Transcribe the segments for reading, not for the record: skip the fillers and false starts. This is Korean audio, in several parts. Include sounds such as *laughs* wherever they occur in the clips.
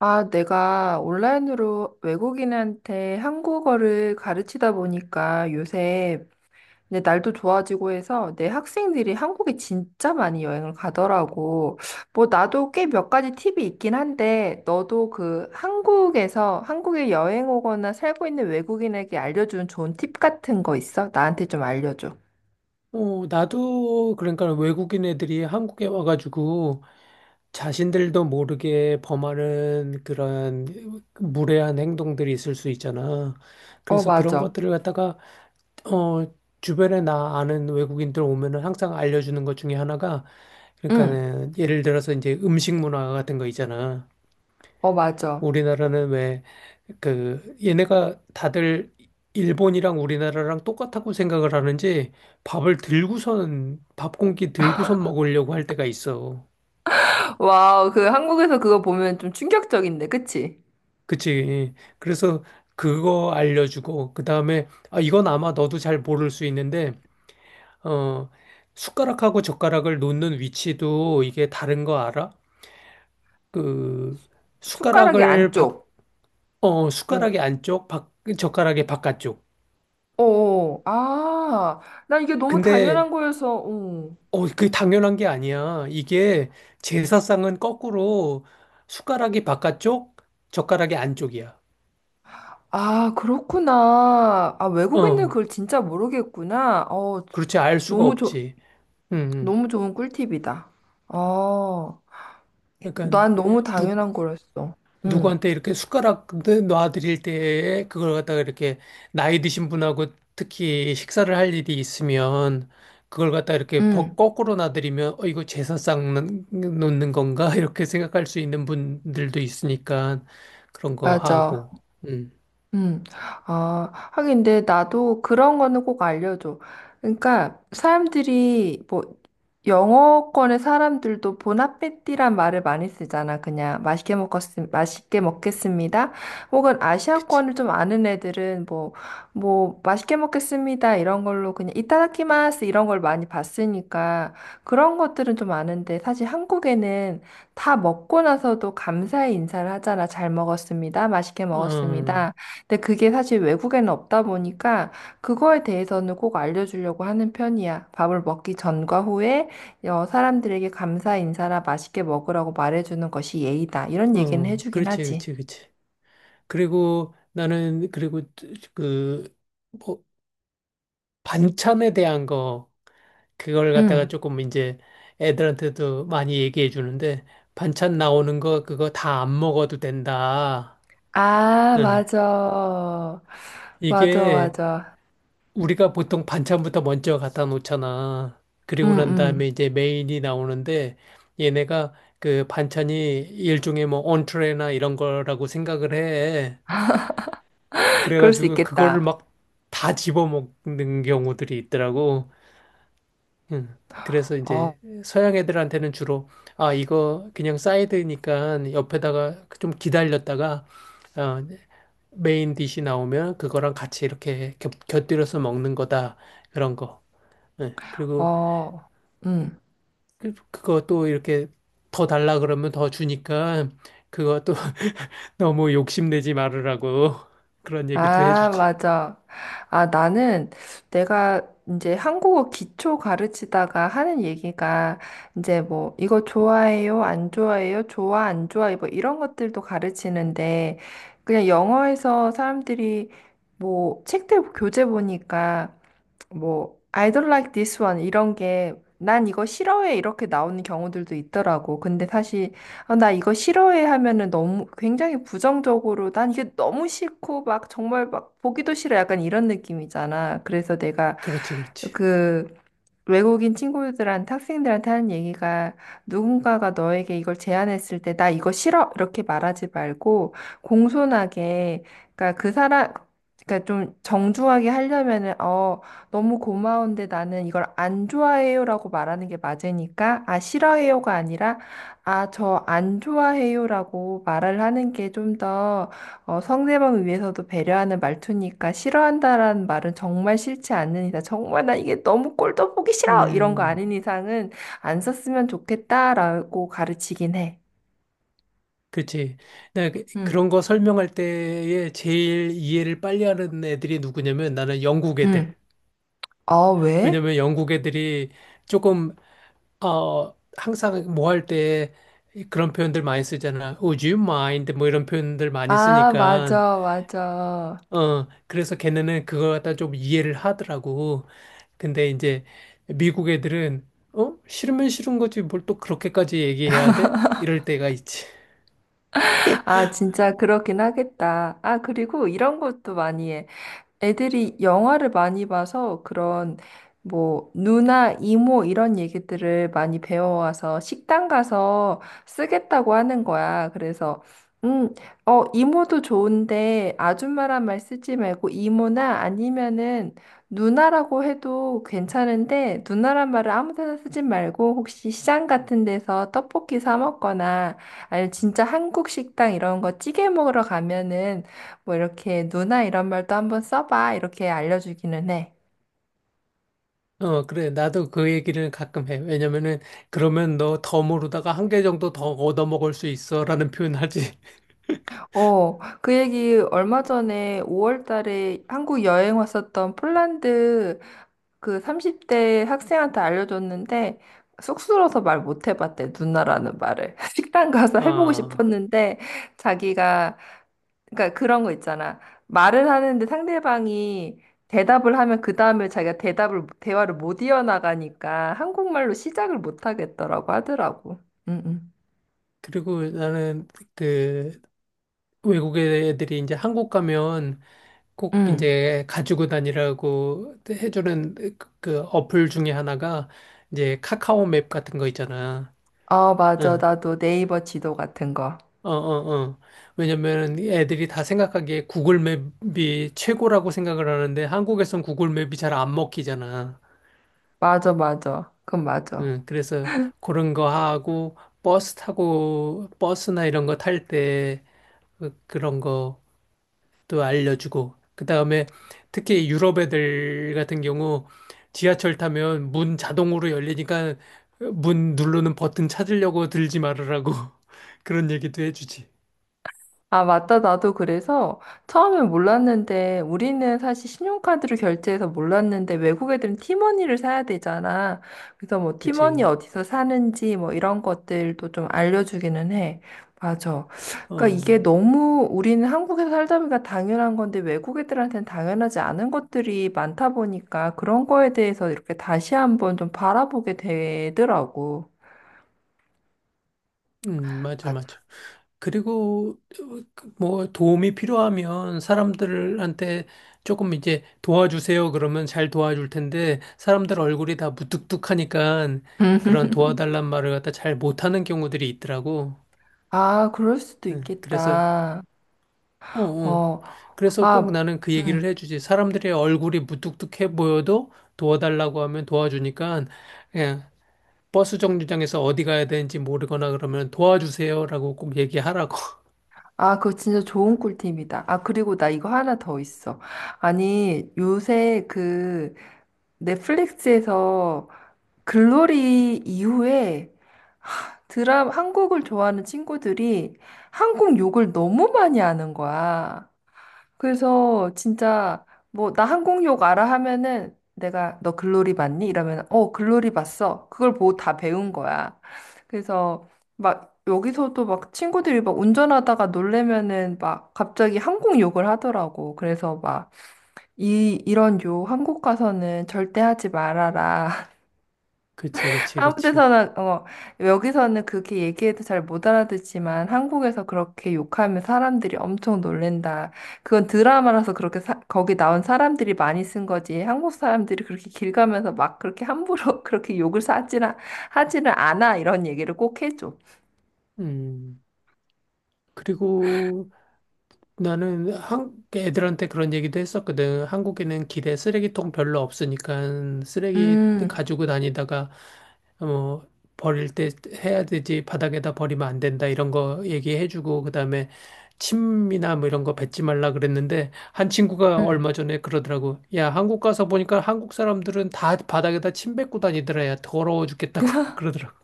아, 내가 온라인으로 외국인한테 한국어를 가르치다 보니까 요새 이제 날도 좋아지고 해서 내 학생들이 한국에 진짜 많이 여행을 가더라고. 뭐 나도 꽤 몇 가지 팁이 있긴 한데 너도 그 한국에서 한국에 여행 오거나 살고 있는 외국인에게 알려준 좋은 팁 같은 거 있어? 나한테 좀 알려줘. 나도 그러니까 외국인 애들이 한국에 와가지고 자신들도 모르게 범하는 그런 무례한 행동들이 있을 수 있잖아. 어, 그래서 그런 맞아. 것들을 갖다가 어, 주변에 나 아는 외국인들 오면은 항상 알려주는 것 중에 하나가 응. 그러니까는 예를 들어서 이제 음식 문화 같은 거 있잖아. 어, 맞아. 우리나라는 왜, 그, 얘네가 다들 일본이랑 우리나라랑 똑같다고 생각을 하는지 밥 공기 들고선 먹으려고 할 때가 있어. 와우, 그 한국에서 그거 보면 좀 충격적인데, 그치? 그치. 그래서 그거 알려주고, 그 다음에, 아, 이건 아마 너도 잘 모를 수 있는데, 어, 숟가락하고 젓가락을 놓는 위치도 이게 다른 거 알아? 그, 숟가락이 숟가락을 밖, 안쪽. 어, 어, 숟가락의 안쪽, 밖, 젓가락의 바깥쪽. 어, 어. 아, 나 이게 너무 근데 당연한 거여서, 어. 그게 당연한 게 아니야. 이게 제사상은 거꾸로 숟가락이 바깥쪽, 젓가락이 안쪽이야. 아, 그렇구나. 아, 외국인들 어, 그걸 진짜 모르겠구나. 그렇지. 알 수가 너무 좋, 없지. 음, 음. 너무 좋은 꿀팁이다. 어, 그러니까 난 너무 누, 당연한 거였어. 응, 누구한테 이렇게 숟가락 놔드릴 때에 그걸 갖다가 이렇게 나이 드신 분하고 특히 식사를 할 일이 있으면 그걸 갖다 이렇게 응, 벅- 거꾸로 놔드리면 어, 이거 놓는 건가? *laughs* 이렇게 생각할 수 있는 분들도 있으니까 그런 거 맞아. 하고. 음, 음, 하긴 근데 나도 그런 거는 꼭 알려줘. 그러니까 사람들이 뭐 영어권의 사람들도 보나페티란 말을 많이 쓰잖아. 그냥 맛있게 먹었음, 맛있게 먹겠습니다. 혹은 그치. 아시아권을 좀 아는 애들은 뭐, 뭐 맛있게 먹겠습니다. 이런 걸로 그냥 이타다키마스 이런 걸 많이 봤으니까 그런 것들은 좀 아는데 사실 한국에는 다 먹고 나서도 감사의 인사를 하잖아. 잘 먹었습니다. 맛있게 어, 먹었습니다. 근데 그게 사실 외국에는 없다 보니까 그거에 대해서는 꼭 알려주려고 하는 편이야. 밥을 먹기 전과 후에 어, 사람들에게 감사 인사나 맛있게 먹으라고 말해주는 것이 예의다. 이런 얘기는 어, 해주긴 그렇지, 하지. 그렇지, 그렇지. 그리고 그 뭐, 반찬에 대한 거, 그걸 갖다가 응. 조금 이제 애들한테도 많이 얘기해 주는데, 반찬 나오는 거, 그거 다 안 먹어도 된다. 아, 응. 맞아. 맞아, 이게 맞아. 우리가 보통 반찬부터 먼저 갖다 놓잖아. 응, 그리고 난 응. 다음에 이제 메인이 나오는데, 얘네가 그 반찬이 일종의 뭐, 온트레나 이런 거라고 생각을 해. *laughs* 그럴 수 그래가지고 그거를 있겠다. 막 다 집어먹는 경우들이 있더라고. 응. 그래서 이제 서양 애들한테는 주로 아 이거 그냥 사이드니까 옆에다가 좀 기다렸다가 어, 메인 디시 나오면 그거랑 같이 이렇게 곁들여서 먹는 거다 그런 거. 예. 그리고 어, 응. 그거 또 이렇게 더 달라 그러면 더 주니까 그거 또 *laughs* 너무 욕심내지 말으라고 *laughs* 그런 얘기도 아, 해주지. 맞아. 아, 나는 내가 이제 한국어 기초 가르치다가 하는 얘기가 이제 뭐 이거 좋아해요? 안 좋아해요? 좋아, 안 좋아해? 뭐 이런 것들도 가르치는데 그냥 영어에서 사람들이 뭐 책들 교재 보니까 뭐 I don't like this one 이런 게 난 이거 싫어해 이렇게 나오는 경우들도 있더라고. 근데 사실 아, 나 이거 싫어해 하면은 너무 굉장히 부정적으로 난 이게 너무 싫고 막 정말 막 보기도 싫어 약간 이런 느낌이잖아. 그래서 내가 그렇지, 그렇지. 그 외국인 친구들한테 학생들한테 하는 얘기가 누군가가 너에게 이걸 제안했을 때 나 이거 싫어 이렇게 말하지 말고 공손하게 그러니까 그 사람 그러니까 좀 정중하게 하려면은 어 너무 고마운데 나는 이걸 안 좋아해요라고 말하는 게 맞으니까 아 싫어해요가 아니라 아 저 안 좋아해요라고 말을 하는 게 좀더 어, 상대방을 위해서도 배려하는 말투니까 싫어한다라는 말은 정말 싫지 않는 이상, 정말 나 이게 너무 꼴도 보기 싫어! 이런 거 음. 아닌 이상은 안 썼으면 좋겠다라고 가르치긴 해. 그치. 나 응, 그런 거 설명할 때에 제일 이해를 빨리 하는 애들이 누구냐면 나는 영국 애들. 응. 아, 왜? 왜냐면 영국 애들이 조금, 항상 뭐 할 때 그런 표현들 많이 쓰잖아. Would you mind? 뭐 이런 표현들 많이 아, 쓰니까. 맞아, 맞아. 어, 그래서 걔네는 그거 갖다 좀 이해를 하더라고. 근데 이제 미국 애들은, 어? 싫으면 싫은 거지. 뭘 또 그렇게까지 얘기해야 돼? 이럴 때가 있지. 아, 진짜 그렇긴 하겠다. 아, 그리고 이런 것도 많이 해. 애들이 영화를 많이 봐서 그런 뭐 누나, 이모 이런 얘기들을 많이 배워와서 식당 가서 쓰겠다고 하는 거야. 그래서 음, 어, 이모도 좋은데 아줌마란 말 쓰지 말고 이모나 아니면은 누나라고 해도 괜찮은데 누나란 말을 아무 데나 쓰지 말고 혹시 시장 같은 데서 떡볶이 사 먹거나 아니면 진짜 한국 식당 이런 거 찌개 먹으러 가면은 뭐 이렇게 누나 이런 말도 한번 써봐 이렇게 알려주기는 해. 어, 그래. 나도 그 얘기를 가끔 해. 왜냐면은, 그러면 너 더 모르다가 한 개 정도 더 얻어먹을 수 있어. 라는 표현하지. *laughs* 어, 그 얘기 얼마 전에 5월 달에 한국 여행 왔었던 폴란드 그 30대 학생한테 알려줬는데 쑥스러워서 말 못 해봤대 누나라는 말을. *laughs* 식당 가서 해보고 아, 싶었는데 자기가 그러니까 그런 거 있잖아. 말을 하는데 상대방이 대답을 하면 그 다음에 자기가 대답을 대화를 못 이어나가니까 한국말로 시작을 못 하겠더라고 하더라고. 응, 응. 그리고 나는 그 외국 의 애들이 이제 한국 가면 꼭 응. 이제 가지고 다니라고 해주는 그 어플 중에 하나가 이제 카카오 맵 같은 거 있잖아. 어, 맞아. 응. 나도 네이버 지도 같은 거. 어, 어, 어. 왜냐면 애들이 다 생각하기에 구글 맵이 최고라고 생각을 하는데 한국에선 구글 맵이 잘 안 먹히잖아. 맞아, 맞아. 그건 맞아. 응, 그래서 그런 거 하고 버스나 이런 거 탈때 그런 것도 알려주고 그다음에 특히 유럽 애들 같은 경우 지하철 타면 문 자동으로 열리니까 문 누르는 버튼 찾으려고 들지 말으라고 *laughs* 그런 얘기도 해주지. 아, 맞다. 나도 그래서 처음엔 몰랐는데 우리는 사실 신용카드로 결제해서 몰랐는데 외국 애들은 티머니를 사야 되잖아. 그래서 뭐 티머니 그치? 어디서 사는지 뭐 이런 것들도 좀 알려주기는 해. 맞아. 그러니까 이게 어. 너무 우리는 한국에서 살다 보니까 당연한 건데 외국 애들한테는 당연하지 않은 것들이 많다 보니까 그런 거에 대해서 이렇게 다시 한번 좀 바라보게 되더라고. 맞아, 맞아. 맞아. 그리고 그뭐 도움이 필요하면 사람들한테 조금 이제 도와주세요 그러면 잘 도와줄 텐데 사람들 얼굴이 다 무뚝뚝하니까 그런 *laughs* 도와달란 말을 갖다 잘 못하는 경우들이 있더라고. 아, 그럴 수도 응, 그래서 있겠다. 어, 어. 어, 그래서 꼭 아, 나는 그 얘기를 음. 해주지. 사람들의 얼굴이 무뚝뚝해 보여도 도와달라고 하면 도와주니까 그냥 버스 정류장에서 어디 가야 되는지 모르거나 그러면 도와주세요라고 꼭 얘기하라고. 아, 그거 진짜 좋은 꿀팁이다. 아, 그리고 나 이거 하나 더 있어. 아니, 요새 그 넷플릭스에서 글로리 이후에 드라 한국을 좋아하는 친구들이 한국 욕을 너무 많이 하는 거야. 그래서 진짜 뭐 나 항공욕 알아 하면은 내가 너 글로리 봤니? 이러면 어 글로리 봤어. 그걸 보고 다 배운 거야. 그래서 막 여기서도 막 친구들이 막 운전하다가 놀래면은 막 갑자기 항공욕을 하더라고. 그래서 막 이 이런 욕 한국 가서는 절대 하지 말아라. 그치, 그치, 아무 그치. 데서나 어 여기서는 그렇게 얘기해도 잘 못 알아듣지만 한국에서 그렇게 욕하면 사람들이 엄청 놀랜다. 그건 드라마라서 그렇게 사- 거기 나온 사람들이 많이 쓴 거지. 한국 사람들이 그렇게 길 가면서 막 그렇게 함부로 *laughs* 그렇게 욕을 하지나 하지는 않아 이런 얘기를 꼭 해줘. 음. 그리고 나는 애들한테 그런 얘기도 했었거든. 한국에는 길에 쓰레기통 별로 없으니까 쓰레기 음. 가지고 다니다가 어, 버릴 때 해야 되지, 바닥에다 버리면 안 된다, 이런 거 얘기해주고, 그 다음에 침이나 뭐 이런 거 뱉지 말라 그랬는데, 한 친구가 음. 얼마 전에 그러더라고. 야, 한국 가서 보니까 한국 사람들은 다 바닥에다 침 뱉고 다니더라. 야, 더러워 죽겠다고 *laughs* 그러더라고.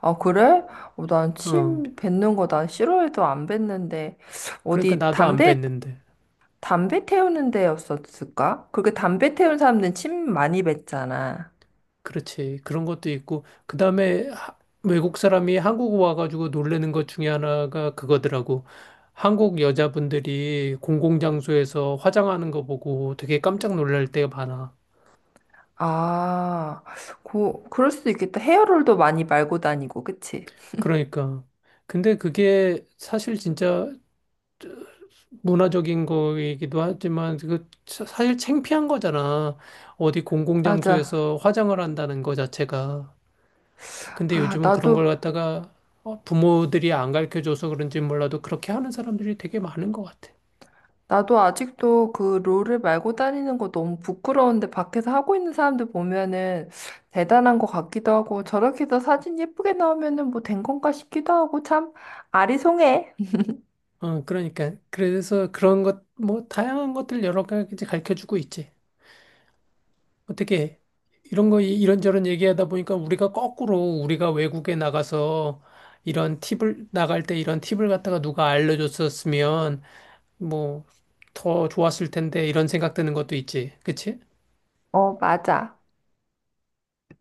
아, 그래? 어, 어. 난침 뱉는 거 난 싫어해도 안 뱉는데 그러니까 어디 나도 안 담배 뱉는데. 담배 태우는 데였었을까? 그렇게 담배 태운 사람들은 침 많이 뱉잖아. 그렇지. 그런 것도 있고, 그 다음에 외국 사람이 한국 와가지고 놀래는 것 중에 하나가 그거더라고. 한국 여자분들이 공공장소에서 화장하는 거 보고 되게 깜짝 놀랄 때가 많아. 아, 고, 그럴 수도 있겠다. 헤어롤도 많이 말고 다니고, 그치? 그러니까. 근데 그게 사실 진짜 문화적인 거이기도 하지만, 사실 창피한 거잖아. 어디 맞아. 공공장소에서 화장을 한다는 거 자체가. 근데 아, 요즘은 그런 나도, 걸 갖다가 어, 부모들이 안 가르쳐줘서 그런지 몰라도 그렇게 하는 사람들이 되게 많은 것 같아. 나도 아직도 그 롤을 말고 다니는 거 너무 부끄러운데 밖에서 하고 있는 사람들 보면은 대단한 것 같기도 하고 저렇게 해서 사진 예쁘게 나오면은 뭐 된 건가 싶기도 하고 참 아리송해. 어, 그러니까. 그래서 그런 것, 뭐, 다양한 것들 여러 가지 가르쳐주고 있지. 어떻게, 이런 거 이런저런 얘기하다 보니까 우리가 거꾸로 우리가 외국에 나가서 나갈 때 이런 팁을 갖다가 누가 알려줬었으면 뭐, 더 좋았을 텐데 이런 생각 드는 것도 있지. 그치? 어, 맞아.